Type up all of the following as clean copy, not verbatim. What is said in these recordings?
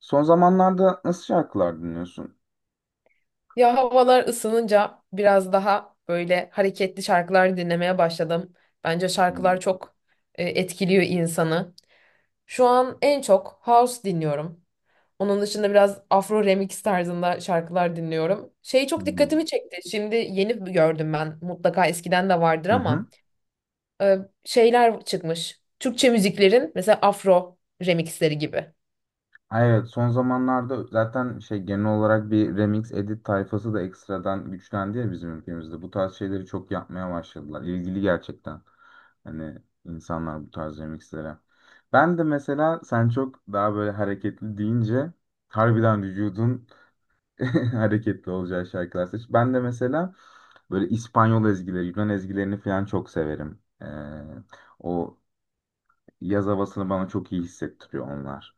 Son zamanlarda nasıl şarkılar dinliyorsun? Ya havalar ısınınca biraz daha böyle hareketli şarkılar dinlemeye başladım. Bence Hmm, şarkılar çok etkiliyor insanı. Şu an en çok house dinliyorum. Onun dışında biraz Afro remix tarzında şarkılar dinliyorum. Şey çok hmm. dikkatimi çekti. Şimdi yeni gördüm ben. Mutlaka eskiden de vardır Hı hı. ama e, şeyler çıkmış. Türkçe müziklerin mesela Afro remixleri gibi. Ha, evet, son zamanlarda zaten şey genel olarak bir remix edit tayfası da ekstradan güçlendi ya bizim ülkemizde. Bu tarz şeyleri çok yapmaya başladılar. İlgili gerçekten. Hani insanlar bu tarz remixlere. Ben de mesela sen çok daha böyle hareketli deyince harbiden vücudun hareketli olacağı şarkılar seç. Ben de mesela böyle İspanyol ezgileri, Yunan ezgilerini falan çok severim. O yaz havasını bana çok iyi hissettiriyor onlar.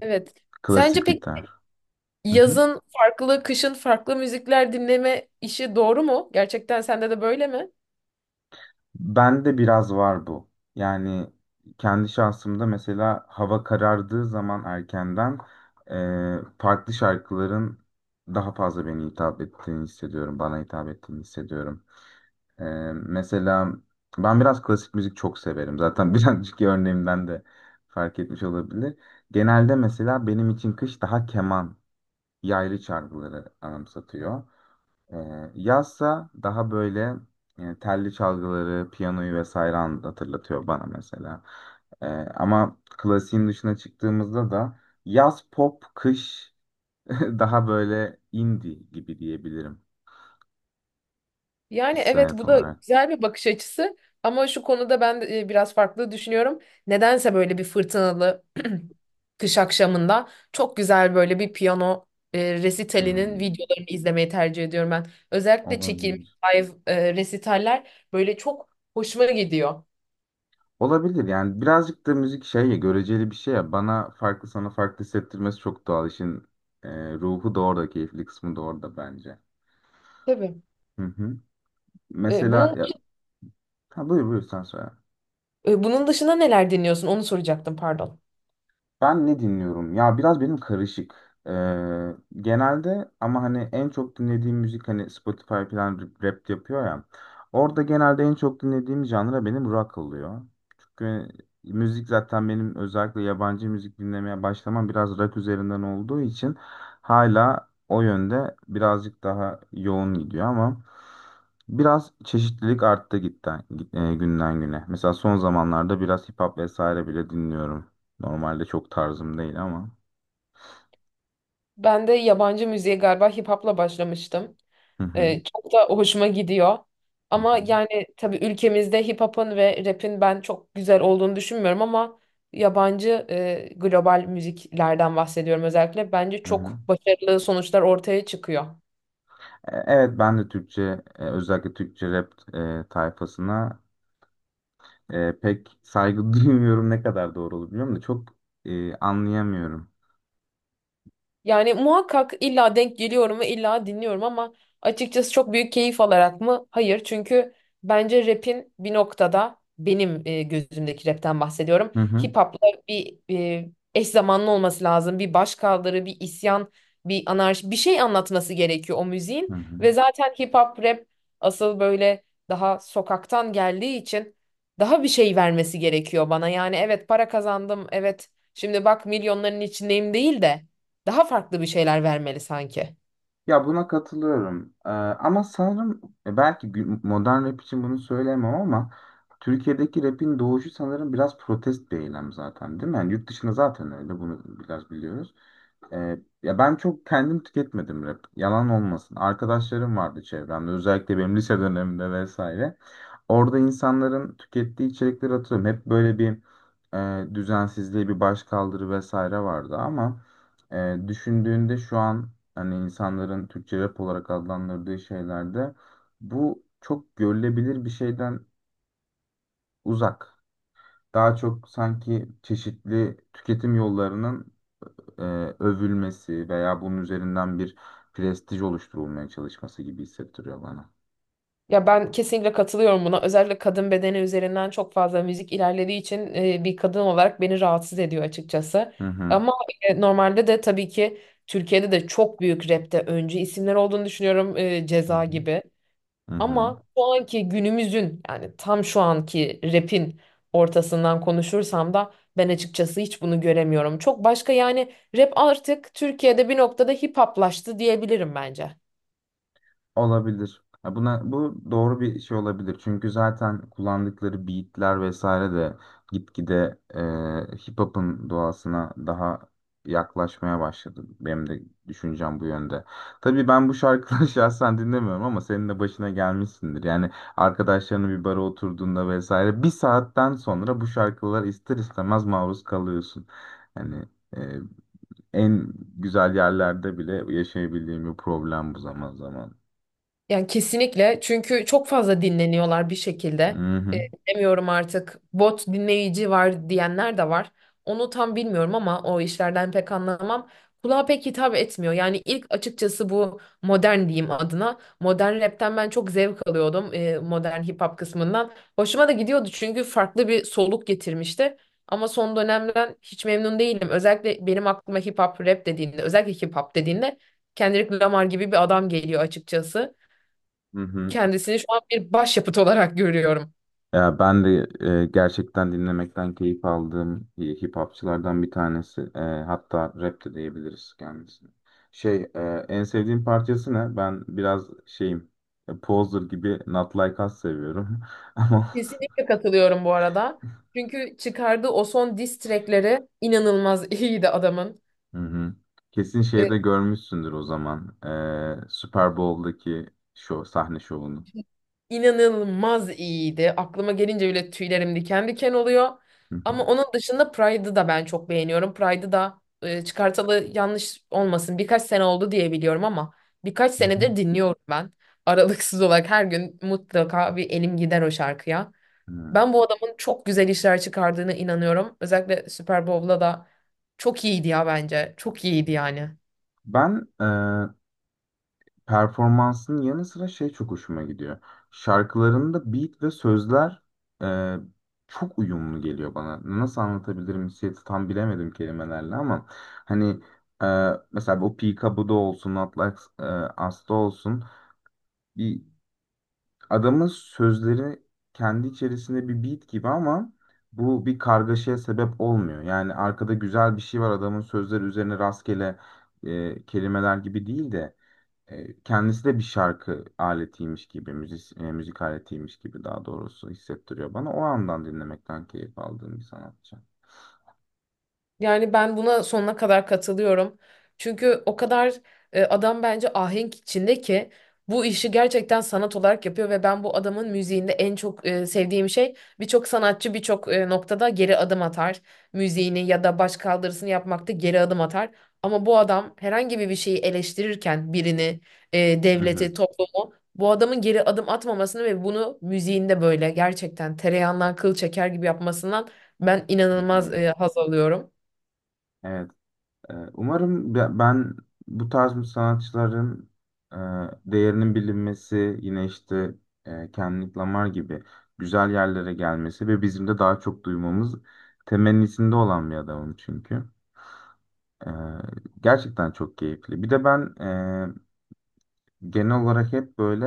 Evet. Sence Klasik pek gitar. Hı hı. yazın farklı, kışın farklı müzikler dinleme işi doğru mu? Gerçekten sende de böyle mi? Bende biraz var bu. Yani kendi şahsımda mesela hava karardığı zaman erkenden farklı şarkıların daha fazla beni hitap ettiğini hissediyorum. Bana hitap ettiğini hissediyorum. Mesela ben biraz klasik müzik çok severim. Zaten birazcık örneğimden de fark etmiş olabilir. Genelde mesela benim için kış daha keman, yaylı çalgıları anımsatıyor. Yazsa daha böyle telli çalgıları, piyanoyu vesaire hatırlatıyor bana mesela. Ama klasiğin dışına çıktığımızda da yaz pop, kış daha böyle indie gibi diyebilirim Yani evet, hissiyat bu da olarak. güzel bir bakış açısı ama şu konuda ben de, biraz farklı düşünüyorum. Nedense böyle bir fırtınalı kış akşamında çok güzel böyle bir piyano resitalinin Hmm, videolarını izlemeyi tercih ediyorum ben. Özellikle çekilmiş olabilir. live resitaller böyle çok hoşuma gidiyor. Olabilir yani birazcık da müzik şey ya göreceli bir şey ya bana farklı sana farklı hissettirmesi çok doğal işin ruhu da orada keyifli kısmı da orada bence. Tabii. Hı hı. E, Mesela bunun ya ha, buyur sen söyle. E, bunun dışında neler deniyorsun? Onu soracaktım, pardon. Ben ne dinliyorum? Ya biraz benim karışık. Ee, genelde ama hani en çok dinlediğim müzik hani Spotify falan rap yapıyor ya. Orada genelde en çok dinlediğim janra benim rock oluyor. Çünkü müzik zaten benim özellikle yabancı müzik dinlemeye başlamam biraz rock üzerinden olduğu için hala o yönde birazcık daha yoğun gidiyor ama biraz çeşitlilik arttı gitten, günden güne. Mesela son zamanlarda biraz hip hop vesaire bile dinliyorum. Normalde çok tarzım değil ama. Ben de yabancı müziğe galiba hip hop'la başlamıştım. Hı hı. Çok da hoşuma gidiyor. Hı Ama hı. yani tabii ülkemizde hip hop'un ve rap'in ben çok güzel olduğunu düşünmüyorum ama yabancı global müziklerden bahsediyorum özellikle. Bence Hı hı. çok başarılı sonuçlar ortaya çıkıyor. Evet ben de Türkçe özellikle Türkçe rap tayfasına pek saygı duymuyorum ne kadar doğru olur bilmiyorum da çok anlayamıyorum. Yani muhakkak illa denk geliyorum ve illa dinliyorum ama açıkçası çok büyük keyif alarak mı? Hayır. Çünkü bence rap'in bir noktada benim gözümdeki rap'ten bahsediyorum. Hı hı. Hip hop'la bir eş zamanlı olması lazım. Bir başkaldırı, bir isyan, bir anarşi, bir şey anlatması gerekiyor o Hı müziğin. hı. Ve zaten hip hop rap asıl böyle daha sokaktan geldiği için daha bir şey vermesi gerekiyor bana. Yani evet para kazandım, evet şimdi bak milyonların içindeyim değil de daha farklı bir şeyler vermeli sanki. Ya buna katılıyorum. E, ama sanırım belki modern rap için bunu söyleyemem ama Türkiye'deki rapin doğuşu sanırım biraz protest bir eylem zaten değil mi? Yani yurt dışında zaten öyle bunu biraz biliyoruz. Ee, ya ben çok kendim tüketmedim rap. Yalan olmasın. Arkadaşlarım vardı çevremde. Özellikle benim lise dönemimde vesaire. Orada insanların tükettiği içerikleri hatırlıyorum. Hep böyle bir düzensizliği, bir başkaldırı vesaire vardı ama düşündüğünde şu an hani insanların Türkçe rap olarak adlandırdığı şeylerde bu çok görülebilir bir şeyden uzak. Daha çok sanki çeşitli tüketim yollarının e, övülmesi veya bunun üzerinden bir prestij oluşturulmaya çalışması gibi hissettiriyor bana. Ya ben kesinlikle katılıyorum buna. Özellikle kadın bedeni üzerinden çok fazla müzik ilerlediği için bir kadın olarak beni rahatsız ediyor açıkçası. Hı hı. Ama normalde de tabii ki Türkiye'de de çok büyük rapte öncü isimler olduğunu düşünüyorum Hı Ceza hı. gibi. Hı hı. Ama şu anki günümüzün yani tam şu anki rapin ortasından konuşursam da ben açıkçası hiç bunu göremiyorum. Çok başka yani rap artık Türkiye'de bir noktada hip hoplaştı diyebilirim bence. Olabilir. Ya buna, bu doğru bir şey olabilir. Çünkü zaten kullandıkları beatler vesaire de gitgide hip hop'un doğasına daha yaklaşmaya başladı. Benim de düşüncem bu yönde. Tabii ben bu şarkıları şahsen dinlemiyorum ama senin de başına gelmişsindir. Yani arkadaşlarının bir bara oturduğunda vesaire bir saatten sonra bu şarkılara ister istemez maruz kalıyorsun. Yani e, en güzel yerlerde bile yaşayabildiğim bir problem bu zaman zaman. Yani kesinlikle çünkü çok fazla dinleniyorlar bir Hı şekilde. E, hı, Bilemiyorum artık bot dinleyici var diyenler de var. Onu tam bilmiyorum ama o işlerden pek anlamam. Kulağa pek hitap etmiyor. Yani ilk açıkçası bu modern diyeyim adına. Modern rapten ben çok zevk alıyordum modern hip hop kısmından. Hoşuma da gidiyordu çünkü farklı bir soluk getirmişti. Ama son dönemden hiç memnun değilim. Özellikle benim aklıma hip hop rap dediğinde, özellikle hip hop dediğinde Kendrick Lamar gibi bir adam geliyor açıkçası. hı hı. Kendisini şu an bir başyapıt olarak görüyorum. Ya ben de gerçekten dinlemekten keyif aldığım hip hopçılardan bir tanesi. E, hatta rap de diyebiliriz kendisine. Şey, en sevdiğim parçası ne? Ben biraz şeyim, Poser gibi Not Like Us seviyorum. Ama olsun. Kesinlikle katılıyorum bu arada. Çünkü çıkardığı o son diss track'leri inanılmaz iyiydi adamın. Hı hı. Kesin Ee, şeyde görmüşsündür o zaman. E, Super Bowl'daki şov, sahne şovunu. inanılmaz iyiydi. Aklıma gelince bile tüylerim diken diken oluyor. Hı hı. Ama onun dışında Pride'ı da ben çok beğeniyorum. Pride'ı da çıkartalı yanlış olmasın birkaç sene oldu diye biliyorum ama birkaç Hı hı. senedir dinliyorum ben. Aralıksız olarak her gün mutlaka bir elim gider o şarkıya. Hı. Ben bu adamın çok güzel işler çıkardığına inanıyorum. Özellikle Super Bowl'da da çok iyiydi ya bence. Çok iyiydi yani. Ben performansının yanı sıra şey çok hoşuma gidiyor. Şarkılarında beat ve sözler e, çok uyumlu geliyor bana. Nasıl anlatabilirim hissiyatı tam bilemedim kelimelerle ama hani e, mesela o Pika bu da olsun, Atlas Asta olsun bir adamın sözleri kendi içerisinde bir beat gibi ama bu bir kargaşaya sebep olmuyor. Yani arkada güzel bir şey var adamın sözleri üzerine rastgele kelimeler gibi değil de kendisi de bir şarkı aletiymiş gibi, müzik aletiymiş gibi daha doğrusu hissettiriyor bana. O andan dinlemekten keyif aldığım bir sanatçı. Yani ben buna sonuna kadar katılıyorum. Çünkü o kadar adam bence ahenk içinde ki bu işi gerçekten sanat olarak yapıyor ve ben bu adamın müziğinde en çok sevdiğim şey birçok sanatçı birçok noktada geri adım atar. Müziğini ya da baş kaldırısını yapmakta geri adım atar. Ama bu adam herhangi bir şeyi eleştirirken birini, Hı hı, devleti, toplumu bu adamın geri adım atmamasını ve bunu müziğinde böyle gerçekten tereyağından kıl çeker gibi yapmasından ben hı hı. inanılmaz haz alıyorum. Evet. Umarım ben bu tarz bir sanatçıların e, değerinin bilinmesi, yine işte Kendrick Lamar gibi güzel yerlere gelmesi ve bizim de daha çok duymamız temennisinde olan bir adamım çünkü. E, gerçekten çok keyifli. Bir de ben genel olarak hep böyle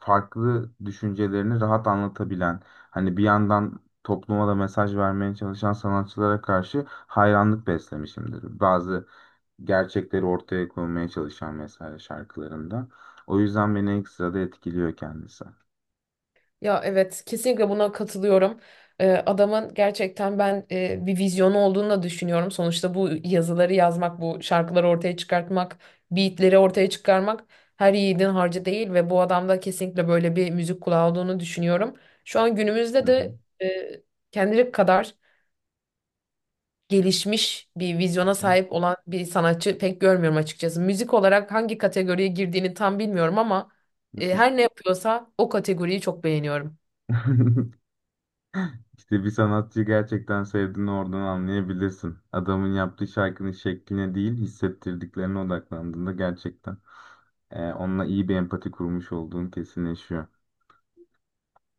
farklı düşüncelerini rahat anlatabilen, hani bir yandan topluma da mesaj vermeye çalışan sanatçılara karşı hayranlık beslemişimdir. Bazı gerçekleri ortaya koymaya çalışan mesela şarkılarında. O yüzden beni ekstra da etkiliyor kendisi. Ya evet, kesinlikle buna katılıyorum. Adamın gerçekten ben bir vizyonu olduğunu da düşünüyorum. Sonuçta bu yazıları yazmak, bu şarkıları ortaya çıkartmak, beatleri ortaya çıkarmak her yiğidin harcı değil ve bu adamda kesinlikle böyle bir müzik kulağı olduğunu düşünüyorum. Şu an günümüzde Hı hı. de e, Kendrick kadar gelişmiş bir vizyona sahip olan bir sanatçı pek görmüyorum açıkçası. Müzik olarak hangi kategoriye girdiğini tam bilmiyorum ama her ne yapıyorsa o kategoriyi çok beğeniyorum. İşte bir sanatçıyı gerçekten sevdiğini oradan anlayabilirsin. Adamın yaptığı şarkının şekline değil, hissettirdiklerine odaklandığında gerçekten. E, onunla iyi bir empati kurmuş olduğun kesinleşiyor.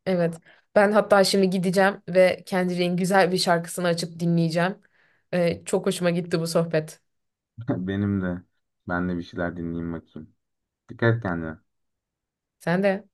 Evet. Ben hatta şimdi gideceğim ve Kendrick'in güzel bir şarkısını açıp dinleyeceğim. Çok hoşuma gitti bu sohbet. Benim de. Ben de bir şeyler dinleyeyim bakayım. Dikkat et kendine. Sen de.